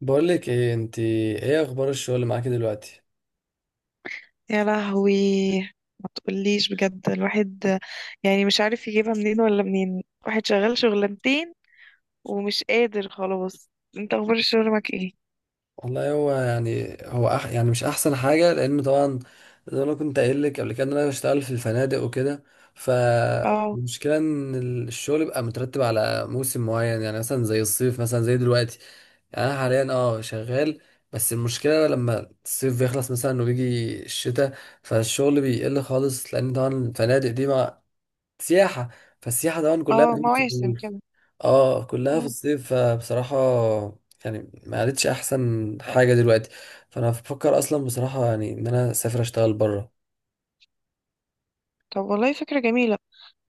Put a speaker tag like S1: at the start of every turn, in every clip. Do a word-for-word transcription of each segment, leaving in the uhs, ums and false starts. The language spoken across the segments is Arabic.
S1: بقول لك ايه؟ انت ايه اخبار الشغل معاكي دلوقتي؟
S2: يا لهوي، ما تقوليش بجد. الواحد يعني مش عارف يجيبها منين ولا منين. واحد شغال شغلانتين ومش قادر خلاص. انت اخبار الشغل معاك ايه؟
S1: والله هو يعني هو أح يعني مش احسن حاجه، لانه طبعا زي ما أنا كنت قايل لك قبل كده ان انا بشتغل في الفنادق وكده.
S2: اه.
S1: فالمشكله ان ال- الشغل بيبقى مترتب على موسم معين، يعني مثلا زي الصيف، مثلا زي دلوقتي. يعني انا حاليا اه شغال، بس المشكله لما الصيف بيخلص مثلا وبيجي الشتاء فالشغل بيقل خالص، لان طبعا الفنادق دي مع سياحه، فالسياحه طبعا
S2: اه،
S1: كلها
S2: مواسم كده.
S1: اه كلها في
S2: مم.
S1: الصيف. فبصراحة يعني ما عادتش احسن حاجة دلوقتي، فانا بفكر اصلا بصراحة يعني ان انا اسافر اشتغل بره.
S2: طب والله فكرة جميلة.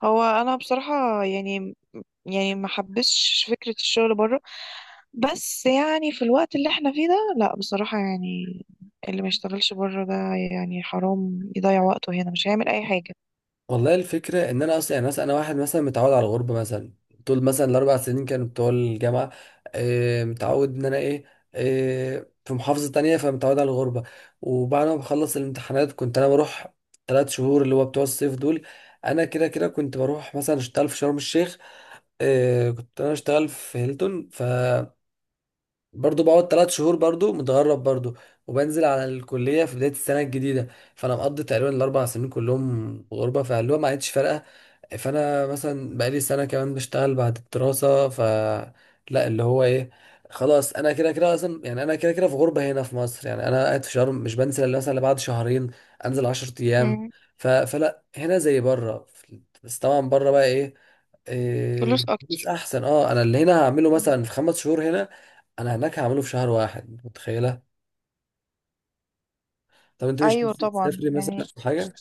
S2: هو انا بصراحة يعني يعني ما حبسش فكرة الشغل بره. بس يعني في الوقت اللي احنا فيه ده لا بصراحة يعني. اللي ما يشتغلش بره ده يعني حرام يضيع وقته هنا، مش هيعمل اي حاجة.
S1: والله الفكرة ان انا اصلا يعني مثلا انا واحد مثلا متعود على الغربة، مثلا طول مثلا الاربع سنين كانوا بتوع الجامعة. آه، متعود ان انا ايه، آه في محافظة تانية، فمتعود على الغربة. وبعد ما بخلص الامتحانات كنت انا بروح ثلاث شهور اللي هو بتوع الصيف دول، انا كده كده كنت بروح مثلا اشتغل في شرم الشيخ. آه، كنت انا اشتغل في هيلتون، ف برضو بقعد تلات شهور برضو متغرب برضو، وبنزل على الكلية في بداية السنة الجديدة. فأنا مقضي تقريبا الأربع سنين كلهم غربة، فاللي هو ما عادش فارقة. فأنا مثلا بقالي سنة كمان بشتغل بعد الدراسة ف لا، اللي هو إيه، خلاص أنا كده كده أصلا، يعني أنا كده كده في غربة هنا في مصر، يعني أنا قاعد في شرم مش بنزل إلا مثلا إلا بعد شهرين، أنزل عشر أيام.
S2: مم.
S1: ف... فلا هنا زي بره، بس طبعا بره بقى إيه، إيه،
S2: فلوس
S1: فلوس
S2: اكتر.
S1: احسن. اه انا اللي هنا هعمله مثلا في خمس شهور هنا انا هناك هعمله في شهر واحد، متخيله؟ طب انت مش
S2: ايوه
S1: نفسك
S2: طبعا
S1: تسافري مثلا
S2: يعني.
S1: او حاجه؟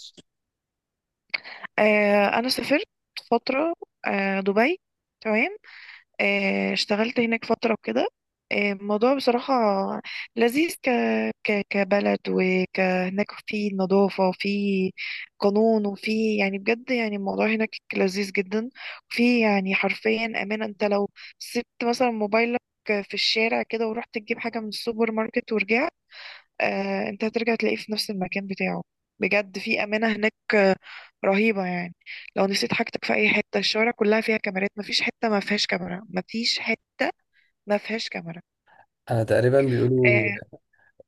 S2: آه انا سافرت فتره. آه دبي. تمام. آه اشتغلت هناك فتره وكده. آه الموضوع بصراحه لذيذ. ك ك كبلد، وك هناك في نظافه وفي قانون، وفي يعني بجد يعني الموضوع هناك لذيذ جدا. في يعني حرفيا امان. انت لو سبت مثلا موبايلك في الشارع كده ورحت تجيب حاجه من السوبر ماركت ورجعت، آه، انت هترجع تلاقيه في نفس المكان بتاعه. بجد في أمانة هناك، آه، رهيبة يعني. لو نسيت حاجتك في أي حتة، الشوارع كلها فيها كاميرات. مفيش حتة ما فيهاش كاميرا، مفيش حتة ما فيهاش كاميرا.
S1: انا تقريبا بيقولوا
S2: اه.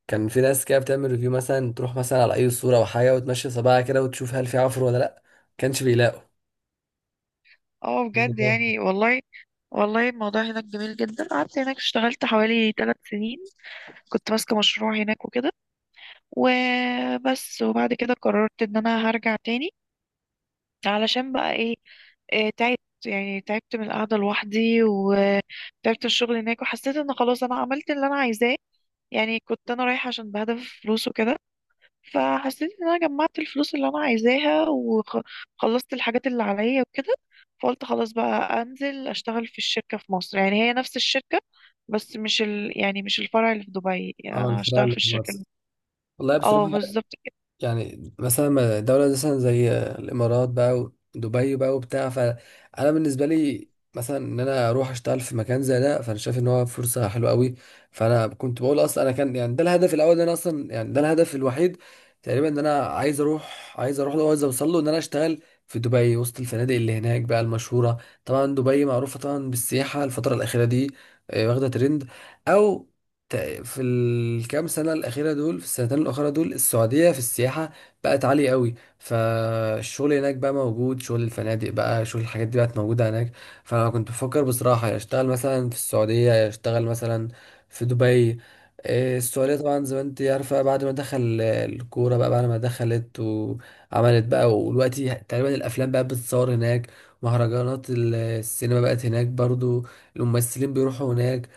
S1: كان في ناس كده بتعمل ريفيو، مثلا تروح مثلا على اي صوره او حاجه وتمشي صباعها كده وتشوف هل في عفر ولا لا. كانش بيلاقوا.
S2: آه، بجد يعني والله. والله الموضوع هناك جميل جدا. قعدت هناك اشتغلت حوالي ثلاث سنين، كنت ماسكة مشروع هناك وكده. وبس، وبعد كده قررت ان انا هرجع تاني. علشان بقى ايه؟ آه، تعبت. يعني تعبت من القعدة لوحدي وتعبت الشغل هناك، وحسيت ان خلاص انا عملت اللي انا عايزاه. يعني كنت انا رايحة عشان بهدف فلوس وكده. فحسيت ان انا جمعت الفلوس اللي انا عايزاها وخلصت الحاجات اللي عليا وكده. فقلت خلاص بقى انزل اشتغل في الشركة في مصر. يعني هي نفس الشركة، بس مش ال... يعني مش الفرع اللي في دبي. يعني
S1: اه
S2: انا هشتغل
S1: الفراعنة
S2: في
S1: اللي في
S2: الشركة اللي...
S1: مصر، والله بصراحه
S2: اه بالظبط كده.
S1: يعني مثلا دولة مثلا زي الإمارات بقى ودبي بقى وبتاع، فأنا بالنسبة لي مثلا إن أنا أروح أشتغل في مكان زي ده، فأنا شايف إن هو فرصة حلوة قوي. فأنا كنت بقول أصلا أنا كان يعني ده الهدف الأول، إن أنا أصلا يعني ده الهدف الوحيد تقريبا، إن أنا عايز أروح، عايز أروح له وعايز أوصل له إن أنا أشتغل في دبي وسط الفنادق اللي هناك بقى المشهورة. طبعا دبي معروفة طبعا بالسياحة الفترة الأخيرة دي. آه، واخدة ترند. أو ت- في الكام سنة الأخيرة دول، في السنتين الأخيرة دول السعودية في السياحة بقت عالية قوي، فالشغل هناك بقى موجود، شغل الفنادق بقى، شغل الحاجات دي بقت موجودة هناك. فأنا كنت بفكر بصراحة يا أشتغل مثلا في السعودية يا أشتغل مثلا في دبي. إيه، السعودية طبعا زي ما انت عارفة بعد ما دخل الكورة بقى، بعد ما دخلت وعملت بقى، ودلوقتي تقريبا الأفلام بقى بتتصور هناك، مهرجانات السينما بقت هناك برضو، الممثلين بيروحوا هناك،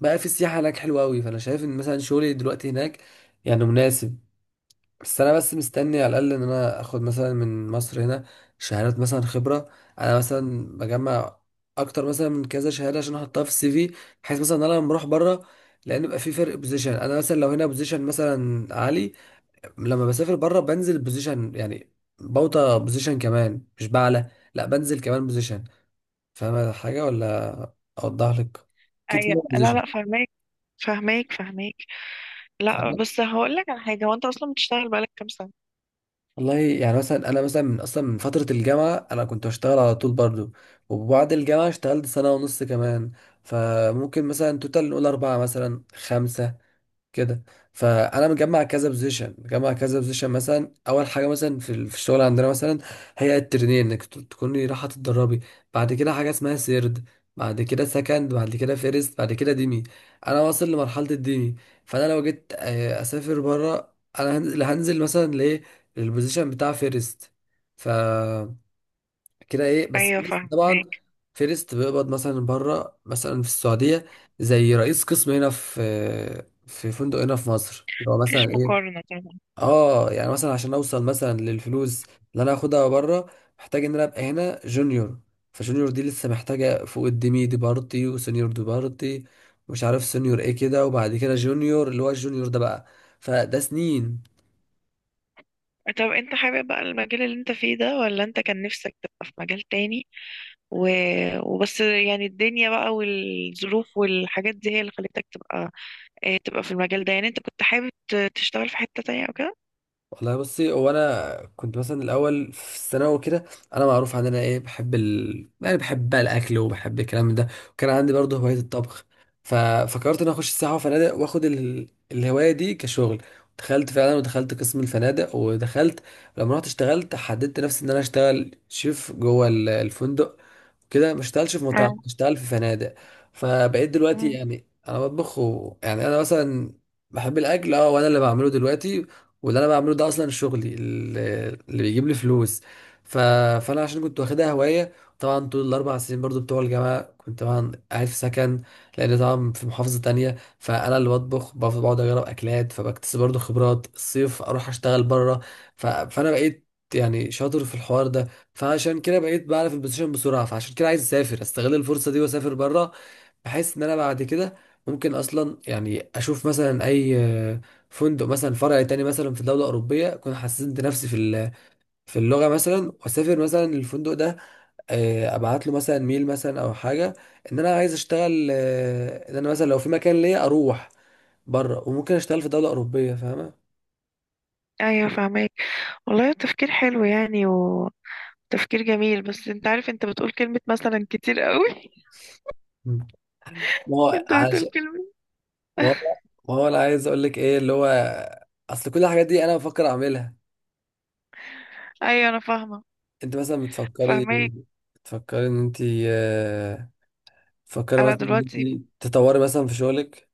S1: بقى في السياحة هناك حلوة أوي. فأنا شايف إن مثلا شغلي دلوقتي هناك يعني مناسب. بس أنا بس مستني على الأقل إن أنا آخد مثلا من مصر هنا شهادات مثلا خبرة، أنا مثلا بجمع أكتر مثلا من كذا شهادة عشان أحطها في السي في، بحيث مثلا إن أنا لما أروح بره، لأن بيبقى في فرق بوزيشن، أنا مثلا لو هنا بوزيشن مثلا عالي لما بسافر بره بنزل بوزيشن، يعني بوطى بوزيشن كمان مش بعلى، لأ بنزل كمان بوزيشن. فاهم حاجة ولا أوضح لك؟ أكيد
S2: أيوة. لا،
S1: بوزيشن.
S2: لا فهماك، فهماك فهماك. لا بس هقول لك على حاجة. هو انت اصلا بتشتغل بقالك كام سنة؟
S1: والله يعني مثلا انا مثلا من اصلا من فتره الجامعه انا كنت بشتغل على طول برضو، وبعد الجامعه اشتغلت سنه ونص كمان، فممكن مثلا توتال نقول اربعه مثلا خمسه كده. فانا مجمع كذا بوزيشن، مجمع كذا بوزيشن مثلا. اول حاجه مثلا في ال- في الشغل عندنا مثلا هي الترنين، انك ت- تكوني رايحه تتدربي، بعد كده حاجه اسمها سيرد، بعد كده سكند، بعد كده فيرست، بعد كده ديمي. انا واصل لمرحله الديمي، فانا لو جيت آه، اسافر بره انا هنزل هنزل مثلا لايه، للبوزيشن بتاع فيرست. ف كده ايه، بس
S2: ايوه
S1: فيرست طبعا.
S2: فاهمك.
S1: فيرست بيقبض مثلا بره مثلا في السعوديه زي رئيس قسم هنا في في فندق هنا في مصر اللي هو
S2: مفيش
S1: مثلا ايه.
S2: مقارنة طبعا.
S1: اه يعني مثلا عشان اوصل مثلا للفلوس اللي انا هاخدها بره محتاج ان انا ابقى هنا جونيور. فجونيور دي لسه محتاجه فوق الديمي دي بارتي وسينيور دي بارتي. مش عارف سينيور ايه كده، وبعد كده جونيور اللي هو الجونيور ده بقى. فده سنين.
S2: طب انت حابب بقى المجال اللي انت فيه ده ولا انت كان نفسك تبقى في مجال تاني و... وبس؟ يعني الدنيا بقى والظروف والحاجات دي هي اللي خلتك تبقى، اه، تبقى في المجال ده. يعني انت كنت حابب ت- تشتغل في حتة تانية او كده؟
S1: والله بصي، هو انا كنت مثلا الاول في الثانوي كده، انا معروف عن انا ايه بحب ال... يعني بحب بقى الاكل وبحب الكلام ده، وكان عندي برضه هوايه الطبخ. ففكرت ان أنا اخش سياحه وفنادق واخد ال... الهوايه دي كشغل، دخلت فعلا ودخلت قسم الفنادق ودخلت. لما رحت اشتغلت حددت نفسي ان انا اشتغل شيف جوه ال- الفندق، كده ما اشتغلش في
S2: اه.
S1: مطاعم، اشتغل في فنادق. فبقيت دلوقتي
S2: مم.
S1: يعني انا بطبخ و... يعني انا مثلا بحب الاكل، اه وانا اللي بعمله دلوقتي، واللي انا بعمله ده اصلا شغلي اللي, اللي بيجيب لي فلوس. ف... فانا عشان كنت واخدها هوايه، طبعا طول الاربع سنين برضو بتوع الجامعه كنت طبعا قاعد في سكن لان طبعا في محافظه تانية، فانا اللي بطبخ بف- بقعد اجرب اكلات فبكتسب برضو خبرات. الصيف اروح اشتغل بره. ف... فانا بقيت يعني شاطر في الحوار ده. فعشان كده بقيت بعرف البوزيشن بسرعه، فعشان كده عايز اسافر استغل الفرصه دي واسافر بره، بحيث ان انا بعد كده ممكن اصلا يعني اشوف مثلا اي آه، فندق مثلا فرع تاني مثلا في دوله اوروبيه، اكون حسنت نفسي في ال- في اللغه مثلا واسافر مثلا الفندق ده، آه، ابعت له مثلا ميل مثلا او حاجه ان انا عايز اشتغل، آه، ان انا مثلا لو في مكان ليا اروح بره، وممكن اشتغل في دوله اوروبيه، فاهمه؟
S2: ايوه فاهمك. والله تفكير حلو يعني، وتفكير جميل. بس انت عارف انت بتقول كلمة مثلا كتير قوي.
S1: مم. ما هو
S2: انت بتقول كلمة.
S1: ما هو ما هو انا عايز اقول لك ايه اللي هو اصل كل الحاجات دي انا بفكر اعملها.
S2: ايوه انا فاهمة.
S1: انت مثلا بتفكري
S2: فاهمك.
S1: بتفكري ان انت، آه، بتفكري
S2: انا
S1: مثلا ان
S2: دلوقتي،
S1: انت تطوري مثلا في شغلك.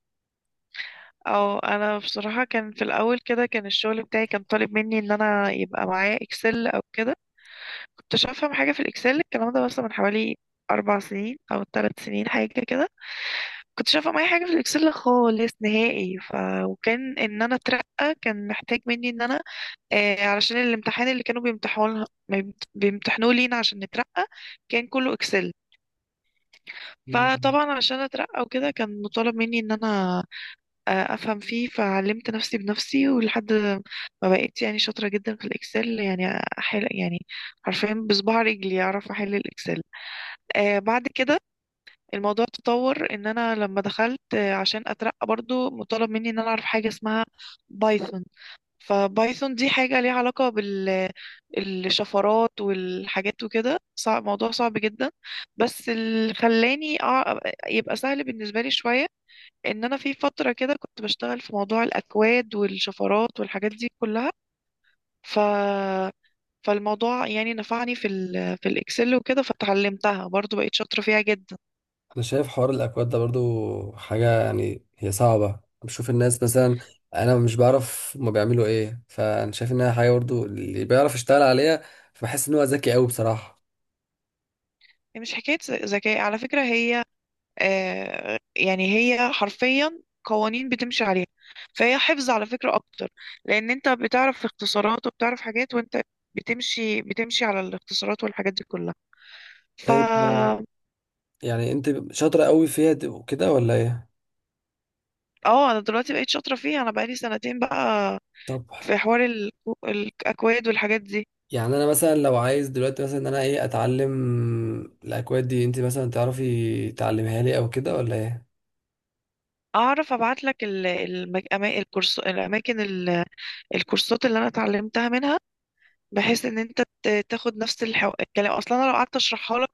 S2: او انا بصراحة كان في الاول كده كان الشغل بتاعي كان طالب مني ان انا يبقى معايا اكسل او كده. كنتش افهم حاجة في الاكسل، الكلام ده مثلا من حوالي اربع سنين او ثلاث سنين حاجة كده. كنتش افهم اي حاجة في الاكسل خالص نهائي. ف وكان ان انا اترقى كان محتاج مني ان انا آه علشان الامتحان اللي كانوا بيمتحنوه بيمتحنوه لينا عشان نترقى كان كله اكسل.
S1: مم.
S2: فطبعا عشان اترقى وكده كان مطالب مني ان انا آه، افهم فيه. فعلمت نفسي بنفسي ولحد ما بقيت يعني شاطره جدا في الاكسل. يعني احل يعني حرفيا بصباع رجلي اعرف احل الاكسل. آه بعد كده الموضوع تطور ان انا لما دخلت، آه، عشان اترقى برضو مطالب مني ان انا اعرف حاجه اسمها بايثون. فبايثون دي حاجه ليها علاقه بال الشفرات والحاجات وكده. صعب، موضوع صعب جدا. بس اللي خلاني أع- يبقى سهل بالنسبه لي شويه ان انا في فتره كده كنت بشتغل في موضوع الاكواد والشفرات والحاجات دي كلها. ف فالموضوع يعني نفعني في ال في الاكسل وكده، فتعلمتها برضو بقيت شاطره فيها جدا.
S1: انا شايف حوار الاكواد ده برضو حاجه يعني هي صعبه، بشوف الناس مثلا، انا مش بعرف هما بيعملوا ايه، فانا شايف انها حاجه برضو اللي بيعرف يشتغل عليها فبحس ان هو ذكي قوي بصراحه.
S2: هي مش حكايه ذ- ذكاء على فكره. هي آه يعني هي حرفيا قوانين بتمشي عليها. فهي حفظ على فكره اكتر. لان انت بتعرف اختصارات وبتعرف حاجات، وانت بتمشي بتمشي على الاختصارات والحاجات دي كلها. ف
S1: طيب آه، يعني انت شاطره قوي فيها دي- وكده ولا ايه؟
S2: اه انا دلوقتي بقيت شاطره فيها. انا بقالي سنتين بقى
S1: طب
S2: في حوار الكو- الأكواد والحاجات دي.
S1: يعني انا مثلا لو عايز دلوقتي مثلا ان انا ايه اتعلم الاكواد دي، انت مثلا تعرفي تعلمها لي او كده ولا ايه؟
S2: أعرف أبعت لك الأماكن، ال- الكورسات اللي أنا اتعلمتها منها. بحيث إن أنت ت- تاخد نفس الحو... الكلام. أصلا أنا لو قعدت أشرحها لك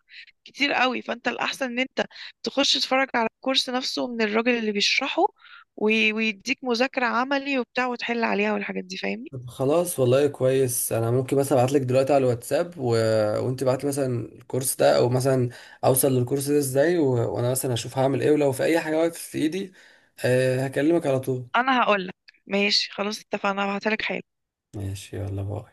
S2: كتير قوي، فأنت الأحسن إن أنت تخش تتفرج على الكورس نفسه من الراجل اللي بيشرحه، وي- ويديك مذاكرة عملي وبتاع وتحل عليها والحاجات دي فاهمني.
S1: طب خلاص، والله كويس. انا ممكن مثلا ابعت لك دلوقتي على الواتساب و... وانت بعت لي مثلا الكورس ده، او مثلا اوصل للكورس ده ازاي، و... وانا مثلا اشوف هعمل ايه، ولو في اي حاجه واقف في ايدي أه هكلمك على طول.
S2: أنا هقول لك، ماشي خلاص اتفقنا. هبعتها لك حالا.
S1: ماشي، يلا باي.